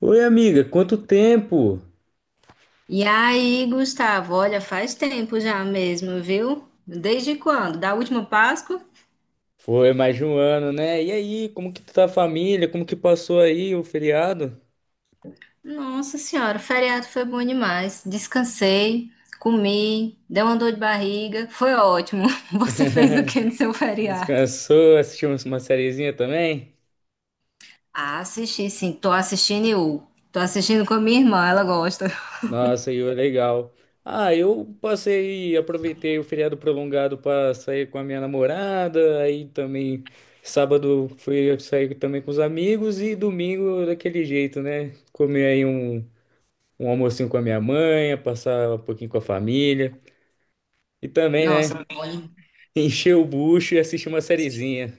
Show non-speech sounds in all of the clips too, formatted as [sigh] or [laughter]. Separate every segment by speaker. Speaker 1: Oi, amiga, quanto tempo?
Speaker 2: E aí, Gustavo, olha, faz tempo já mesmo, viu? Desde quando? Da última Páscoa?
Speaker 1: Foi mais de um ano, né? E aí, como que tá a família? Como que passou aí o feriado?
Speaker 2: Nossa Senhora, o feriado foi bom demais. Descansei, comi, dei uma dor de barriga, foi ótimo. [laughs] Você fez o que no seu feriado?
Speaker 1: Descansou? Assistimos uma sériezinha também?
Speaker 2: Ah, assisti sim, tô assistindo eu. Tô assistindo com a minha irmã, ela gosta.
Speaker 1: Nossa, e foi legal. Ah, eu passei, aproveitei o feriado prolongado para sair com a minha namorada, aí também sábado fui sair também com os amigos e domingo daquele jeito, né? Comer aí um almocinho com a minha mãe, passar um pouquinho com a família. E também, né?
Speaker 2: Nossa, bom.
Speaker 1: Encher o bucho e assistir uma sériezinha.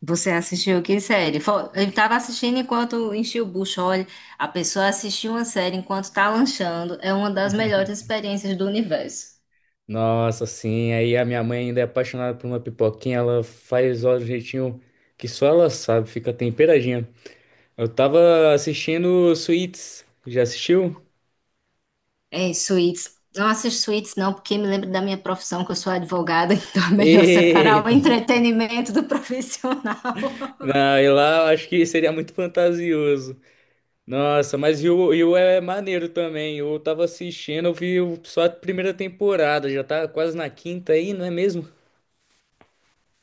Speaker 2: Você assistiu que série? Ele estava assistindo enquanto enchia o bucho. Olha, a pessoa assistir uma série enquanto está lanchando é uma das melhores experiências do universo.
Speaker 1: Nossa, sim. Aí a minha mãe ainda é apaixonada por uma pipoquinha. Ela faz ó, do jeitinho que só ela sabe. Fica temperadinha. Eu tava assistindo Suits. Já assistiu?
Speaker 2: É, suítes. Não assisto suítes, não, porque me lembro da minha profissão, que eu sou advogada, [laughs] então é melhor separar o
Speaker 1: Eita!
Speaker 2: entretenimento do profissional.
Speaker 1: Não, e lá eu acho que seria muito fantasioso. Nossa, mas e o é maneiro também. Eu tava assistindo, só a primeira temporada. Já tá quase na quinta aí, não é mesmo?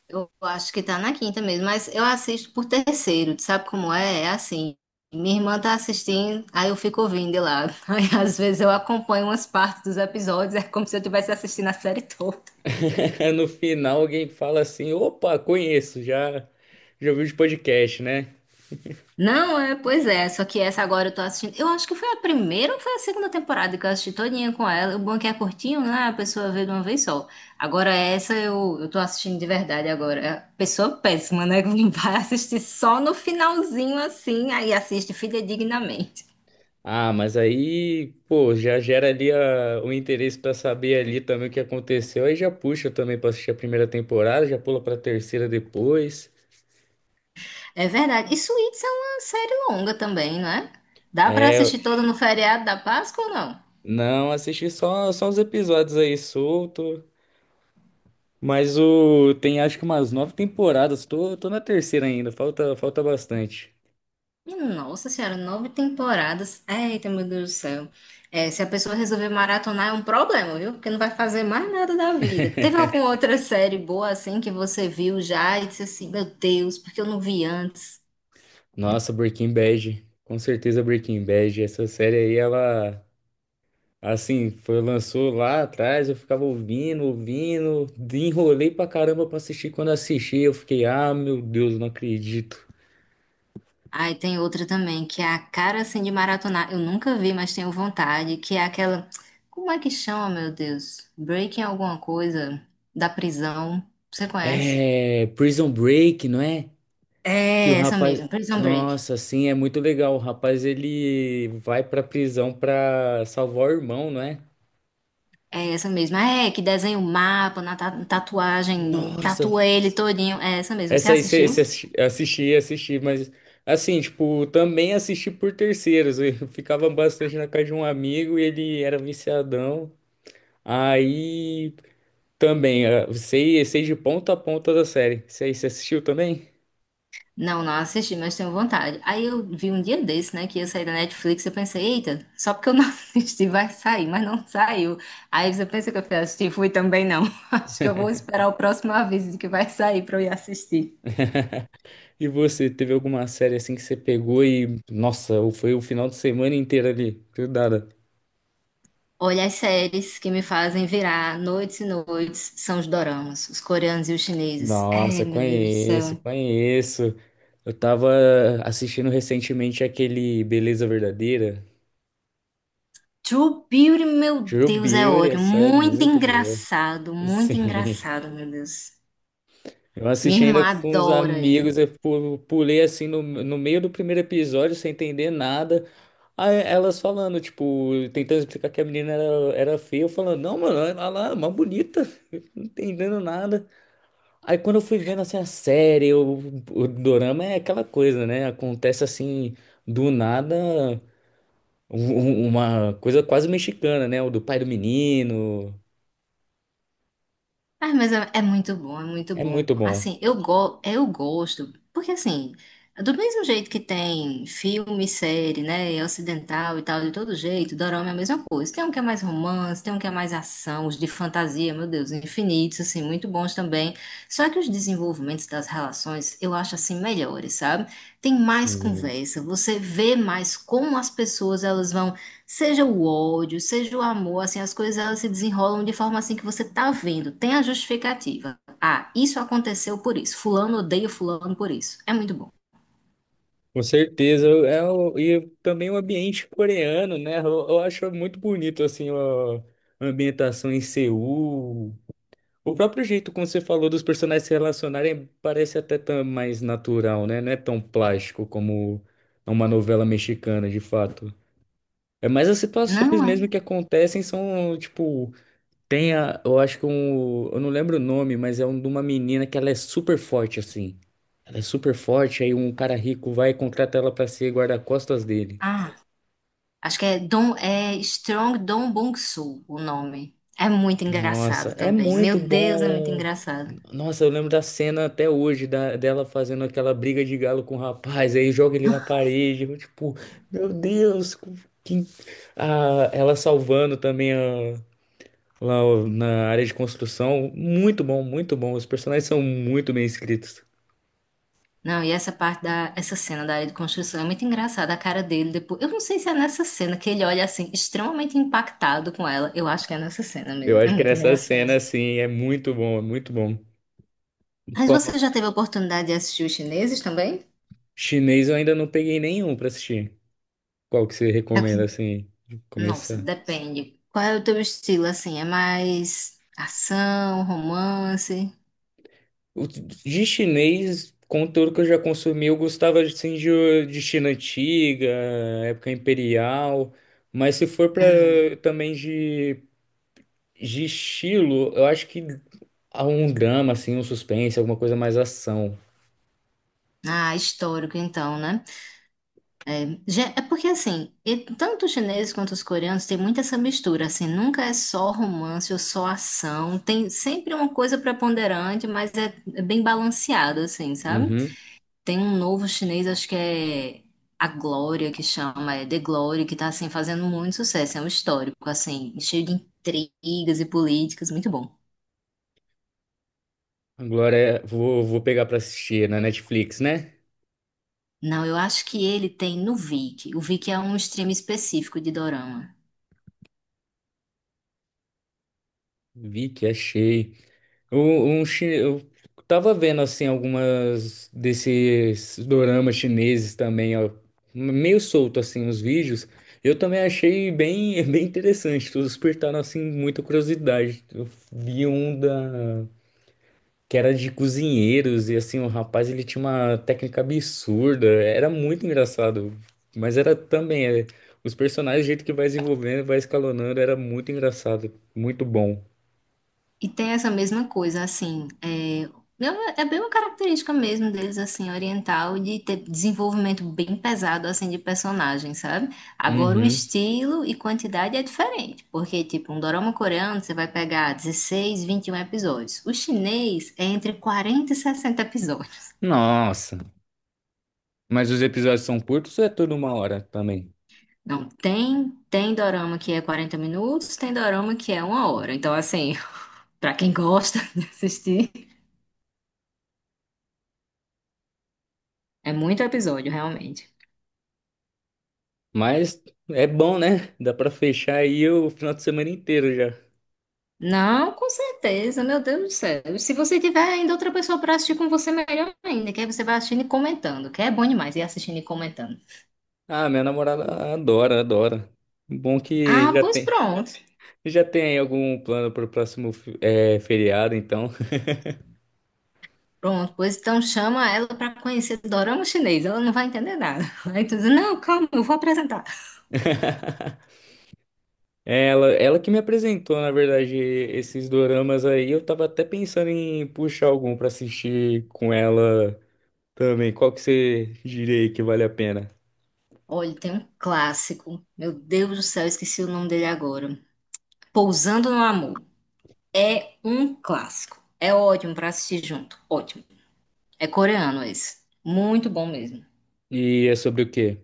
Speaker 2: Eu acho que tá na quinta mesmo, mas eu assisto por terceiro, tu sabe como é? É assim, minha irmã tá assistindo, aí eu fico ouvindo de lado. [laughs] Aí às vezes eu acompanho umas partes dos episódios, é como se eu estivesse assistindo a série toda.
Speaker 1: [laughs] No final alguém fala assim: opa, conheço, já ouvi os podcast, né?
Speaker 2: Não, é, pois é, só que essa agora eu tô assistindo. Eu acho que foi a primeira ou foi a segunda temporada que eu assisti todinha com ela. O bom é que é curtinho, né? A pessoa vê de uma vez só. Agora essa eu tô assistindo de verdade agora. É pessoa péssima, né? [laughs] Que vai assistir só no finalzinho assim, aí assiste fidedignamente.
Speaker 1: Ah, mas aí, pô, já gera ali a- o interesse pra saber ali também o que aconteceu. Aí já puxa também pra assistir a primeira temporada, já pula pra terceira depois.
Speaker 2: É verdade. E Suits é uma série longa também, não é? Dá pra
Speaker 1: É,
Speaker 2: assistir toda no feriado da Páscoa ou não?
Speaker 1: não, assisti só uns episódios aí solto. Mas o tem acho que umas nove temporadas. Tô na terceira ainda, falta bastante.
Speaker 2: Nossa senhora, nove temporadas. Eita, meu Deus do céu. É, se a pessoa resolver maratonar é um problema, viu? Porque não vai fazer mais nada da vida. Teve alguma outra série boa assim que você viu já e disse assim, meu Deus, porque eu não vi antes?
Speaker 1: Nossa, Breaking Bad. Com certeza Breaking Bad. Essa série aí, ela. Assim, foi, lançou lá atrás, eu ficava ouvindo, enrolei pra caramba pra assistir. Quando assisti, eu fiquei, ah, meu Deus, não acredito.
Speaker 2: Aí tem outra também, que é a cara assim de maratonar. Eu nunca vi, mas tenho vontade, que é aquela. Como é que chama, meu Deus? Breaking alguma coisa da prisão. Você conhece?
Speaker 1: É, Prison Break, não é? Que o
Speaker 2: É essa
Speaker 1: rapaz,
Speaker 2: mesmo, Prison Break.
Speaker 1: nossa, assim, é muito legal. O rapaz, ele vai pra prisão pra salvar o irmão, não é?
Speaker 2: É essa mesma. É, que desenha o mapa na tatuagem,
Speaker 1: Nossa,
Speaker 2: tatua ele todinho. É essa mesmo. Você
Speaker 1: essa aí você
Speaker 2: assistiu?
Speaker 1: você assisti, mas assim, tipo, também assisti por terceiros. Eu [laughs] ficava bastante na casa de um amigo e ele era viciadão. Aí também, sei de ponta a ponta da série. Isso aí, você assistiu também?
Speaker 2: Não, não assisti, mas tenho vontade. Aí eu vi um dia desse, né, que ia sair da Netflix, eu pensei, eita, só porque eu não [laughs] assisti vai sair, mas não saiu. Aí você pensa que eu fui assistir, fui também não. [laughs] Acho que eu vou esperar o próximo aviso de que vai sair pra eu ir assistir.
Speaker 1: E você, teve alguma série assim que você pegou e, nossa, foi o final de semana inteiro ali, grudada?
Speaker 2: Olha, as séries que me fazem virar noites e noites são os doramas, os coreanos e os chineses. Ai,
Speaker 1: Nossa,
Speaker 2: meu Deus do
Speaker 1: conheço,
Speaker 2: céu.
Speaker 1: conheço. Eu tava assistindo recentemente aquele Beleza Verdadeira.
Speaker 2: True Beauty, meu
Speaker 1: True
Speaker 2: Deus, é
Speaker 1: Beauty,
Speaker 2: ódio.
Speaker 1: essa é muito boa. [laughs]
Speaker 2: Muito
Speaker 1: Sim.
Speaker 2: engraçado, meu Deus.
Speaker 1: Eu assisti
Speaker 2: Minha irmã
Speaker 1: ainda com os
Speaker 2: adora.
Speaker 1: amigos, pulei assim no, no meio do primeiro episódio sem entender nada. Aí elas falando, tipo, tentando explicar que a menina era feia, eu falando, não, mano, olha lá, uma bonita, [laughs] não entendendo nada. Aí quando eu fui vendo assim a série, o dorama é aquela coisa, né? Acontece assim, do nada, um- uma coisa quase mexicana, né? O do pai do menino.
Speaker 2: Ah, mas é, é muito bom, é muito
Speaker 1: É
Speaker 2: bom.
Speaker 1: muito bom.
Speaker 2: Assim, eu gosto, porque assim, do mesmo jeito que tem filme, série, né, ocidental e tal, de todo jeito, dorama é a mesma coisa. Tem um que é mais romance, tem um que é mais ação, os de fantasia, meu Deus, infinitos, assim, muito bons também. Só que os desenvolvimentos das relações, eu acho assim, melhores, sabe? Tem mais conversa, você vê mais como as pessoas, elas vão. Seja o ódio, seja o amor, assim, as coisas elas se desenrolam de forma assim que você tá vendo, tem a justificativa. Ah, isso aconteceu por isso. Fulano odeia fulano por isso. É muito bom.
Speaker 1: Com certeza, e também o ambiente coreano, né? Eu acho muito bonito, assim, a ambientação em Seul. O próprio jeito, como você falou, dos personagens se relacionarem parece até tão mais natural, né? Não é tão plástico como uma novela mexicana, de fato. É mais as situações
Speaker 2: Não é?
Speaker 1: mesmo que acontecem são, tipo, tem a, eu acho que um, eu não lembro o nome, mas é um de uma menina que ela é, super forte assim. Ela é super forte, aí um cara rico vai e contrata ela pra ser guarda-costas dele.
Speaker 2: Ah, acho que é Dom é Strong Dong Bong-soo o nome. É muito
Speaker 1: Nossa,
Speaker 2: engraçado
Speaker 1: é
Speaker 2: também. Meu
Speaker 1: muito
Speaker 2: Deus, é muito
Speaker 1: bom.
Speaker 2: engraçado.
Speaker 1: Nossa, eu lembro da cena até hoje dela fazendo aquela briga de galo com o rapaz, aí joga ele na parede, eu, tipo, meu Deus, que... Ah, ela salvando também na área de construção. Muito bom, muito bom. Os personagens são muito bem escritos.
Speaker 2: Não, e essa cena da área de construção é muito engraçada, a cara dele depois. Eu não sei se é nessa cena que ele olha assim extremamente impactado com ela. Eu acho que é nessa cena
Speaker 1: Eu
Speaker 2: mesmo. É
Speaker 1: acho que
Speaker 2: muito
Speaker 1: essa cena,
Speaker 2: engraçado.
Speaker 1: assim, é muito bom, é muito bom.
Speaker 2: Mas você
Speaker 1: Como
Speaker 2: já teve a oportunidade de assistir os chineses também?
Speaker 1: chinês, eu ainda não peguei nenhum pra assistir. Qual que você
Speaker 2: É
Speaker 1: recomenda,
Speaker 2: que-
Speaker 1: assim, de
Speaker 2: Nossa,
Speaker 1: começar?
Speaker 2: depende. Qual é o teu estilo, assim? É mais ação, romance?
Speaker 1: De chinês, conteúdo que eu já consumi, eu gostava, assim, de China antiga, época imperial. Mas se for pra
Speaker 2: Hum.
Speaker 1: também de estilo, eu acho que há um drama, assim, um suspense, alguma coisa mais ação.
Speaker 2: Ah, histórico então, né? É porque, assim, e tanto os chineses quanto os coreanos têm muita essa mistura, assim, nunca é só romance ou só ação. Tem sempre uma coisa preponderante, mas é bem balanceado, assim, sabe?
Speaker 1: Uhum.
Speaker 2: Tem um novo chinês, acho que é a Glória que chama, é The Glory, que tá assim fazendo muito sucesso, é um histórico, assim, cheio de intrigas e políticas, muito bom.
Speaker 1: Agora, vou, vou pegar pra assistir é na Netflix, né?
Speaker 2: Não, eu acho que ele tem no Viki. O Viki é um stream específico de dorama.
Speaker 1: Vi que achei. Eu tava vendo assim algumas desses doramas chineses também, ó, meio solto assim os vídeos. Eu também achei bem, [laughs] bem interessante, todos despertaram assim muita curiosidade. Eu vi um da que era de cozinheiros e assim o rapaz ele tinha uma técnica absurda, era muito engraçado, mas era também os personagens, o jeito que vai desenvolvendo, vai escalonando, era muito engraçado, muito bom.
Speaker 2: E tem essa mesma coisa, assim, é, é bem uma característica mesmo deles, assim, oriental, de ter desenvolvimento bem pesado, assim, de personagem, sabe? Agora, o
Speaker 1: Uhum.
Speaker 2: estilo e quantidade é diferente, porque, tipo, um dorama coreano, você vai pegar 16 21 episódios. O chinês é entre 40 e 60 episódios.
Speaker 1: Nossa. Mas os episódios são curtos ou é tudo uma hora também?
Speaker 2: Não, tem dorama que é 40 minutos, tem dorama que é uma hora. Então, assim, [laughs] pra quem gosta de assistir, é muito episódio, realmente.
Speaker 1: Mas é bom, né? Dá pra fechar aí o final de semana inteiro já.
Speaker 2: Não, com certeza, meu Deus do céu. E se você tiver ainda outra pessoa para assistir com você, melhor ainda, que aí você vai assistindo e comentando, que é bom demais ir assistindo e comentando.
Speaker 1: Ah, minha namorada adora, adora. Bom que
Speaker 2: Ah, pois pronto.
Speaker 1: já tem aí algum plano pro próximo feriado, então.
Speaker 2: Pronto, pois então chama ela para conhecer dorama chinês, ela não vai entender nada. [laughs] Aí tu diz, não, calma, eu vou apresentar.
Speaker 1: [laughs] Ela que me apresentou, na verdade, esses doramas aí. Eu tava até pensando em puxar algum pra assistir com ela também. Qual que você diria aí que vale a pena?
Speaker 2: Olha, tem um clássico, meu Deus do céu, esqueci o nome dele agora. Pousando no Amor. É um clássico. É ótimo para assistir junto, ótimo. É coreano esse. Muito bom mesmo.
Speaker 1: E é sobre o quê?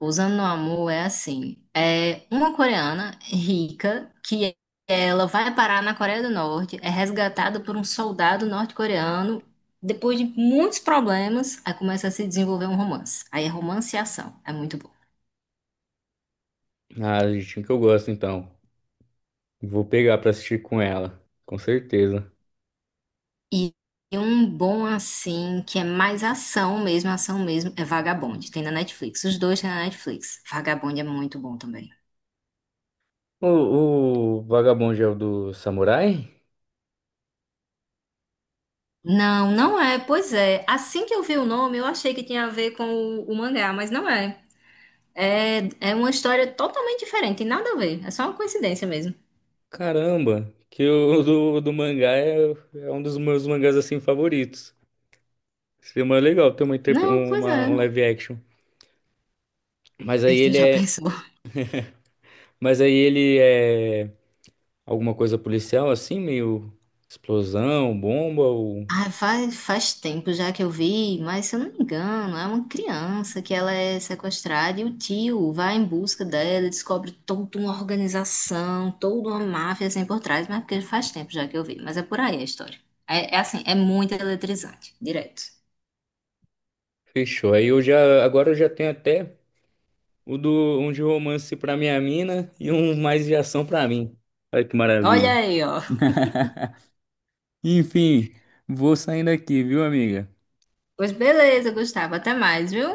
Speaker 2: Usando no Amor é assim, é uma coreana rica que ela vai parar na Coreia do Norte, é resgatada por um soldado norte-coreano. Depois de muitos problemas, aí começa a se desenvolver um romance. Aí é romance e ação, é muito bom.
Speaker 1: Ah, gente, o que eu gosto então. Vou pegar pra assistir com ela, com certeza.
Speaker 2: E um bom assim, que é mais ação mesmo, é Vagabond. Tem na Netflix. Os dois tem na Netflix. Vagabond é muito bom também.
Speaker 1: O, o Vagabond é o do Samurai?
Speaker 2: Não, não é. Pois é. Assim que eu vi o nome, eu achei que tinha a ver com o mangá, mas não é. É uma história totalmente diferente, tem nada a ver. É só uma coincidência mesmo.
Speaker 1: Caramba, que o do mangá é, é um dos meus mangás assim favoritos. Seria mais legal ter uma,
Speaker 2: Não, pois é.
Speaker 1: um live action. Mas aí
Speaker 2: Eita,
Speaker 1: ele
Speaker 2: já
Speaker 1: é,
Speaker 2: pensou?
Speaker 1: mas aí ele é alguma coisa policial assim, meio explosão, bomba ou
Speaker 2: Ah, faz tempo já que eu vi, mas se eu não me engano, é uma criança que ela é sequestrada e o tio vai em busca dela, e descobre toda uma organização, toda uma máfia assim por trás, mas porque faz tempo já que eu vi. Mas é por aí a história. É assim, é muito eletrizante, direto.
Speaker 1: fechou. Aí eu já agora eu já tenho até o do um de romance pra minha mina e um mais de ação pra mim. Olha que
Speaker 2: Olha
Speaker 1: maravilha.
Speaker 2: aí, ó.
Speaker 1: Enfim, vou saindo aqui, viu, amiga?
Speaker 2: Pois beleza, Gustavo, até mais, viu?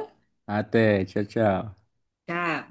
Speaker 1: Até, tchau, tchau.
Speaker 2: Tchau.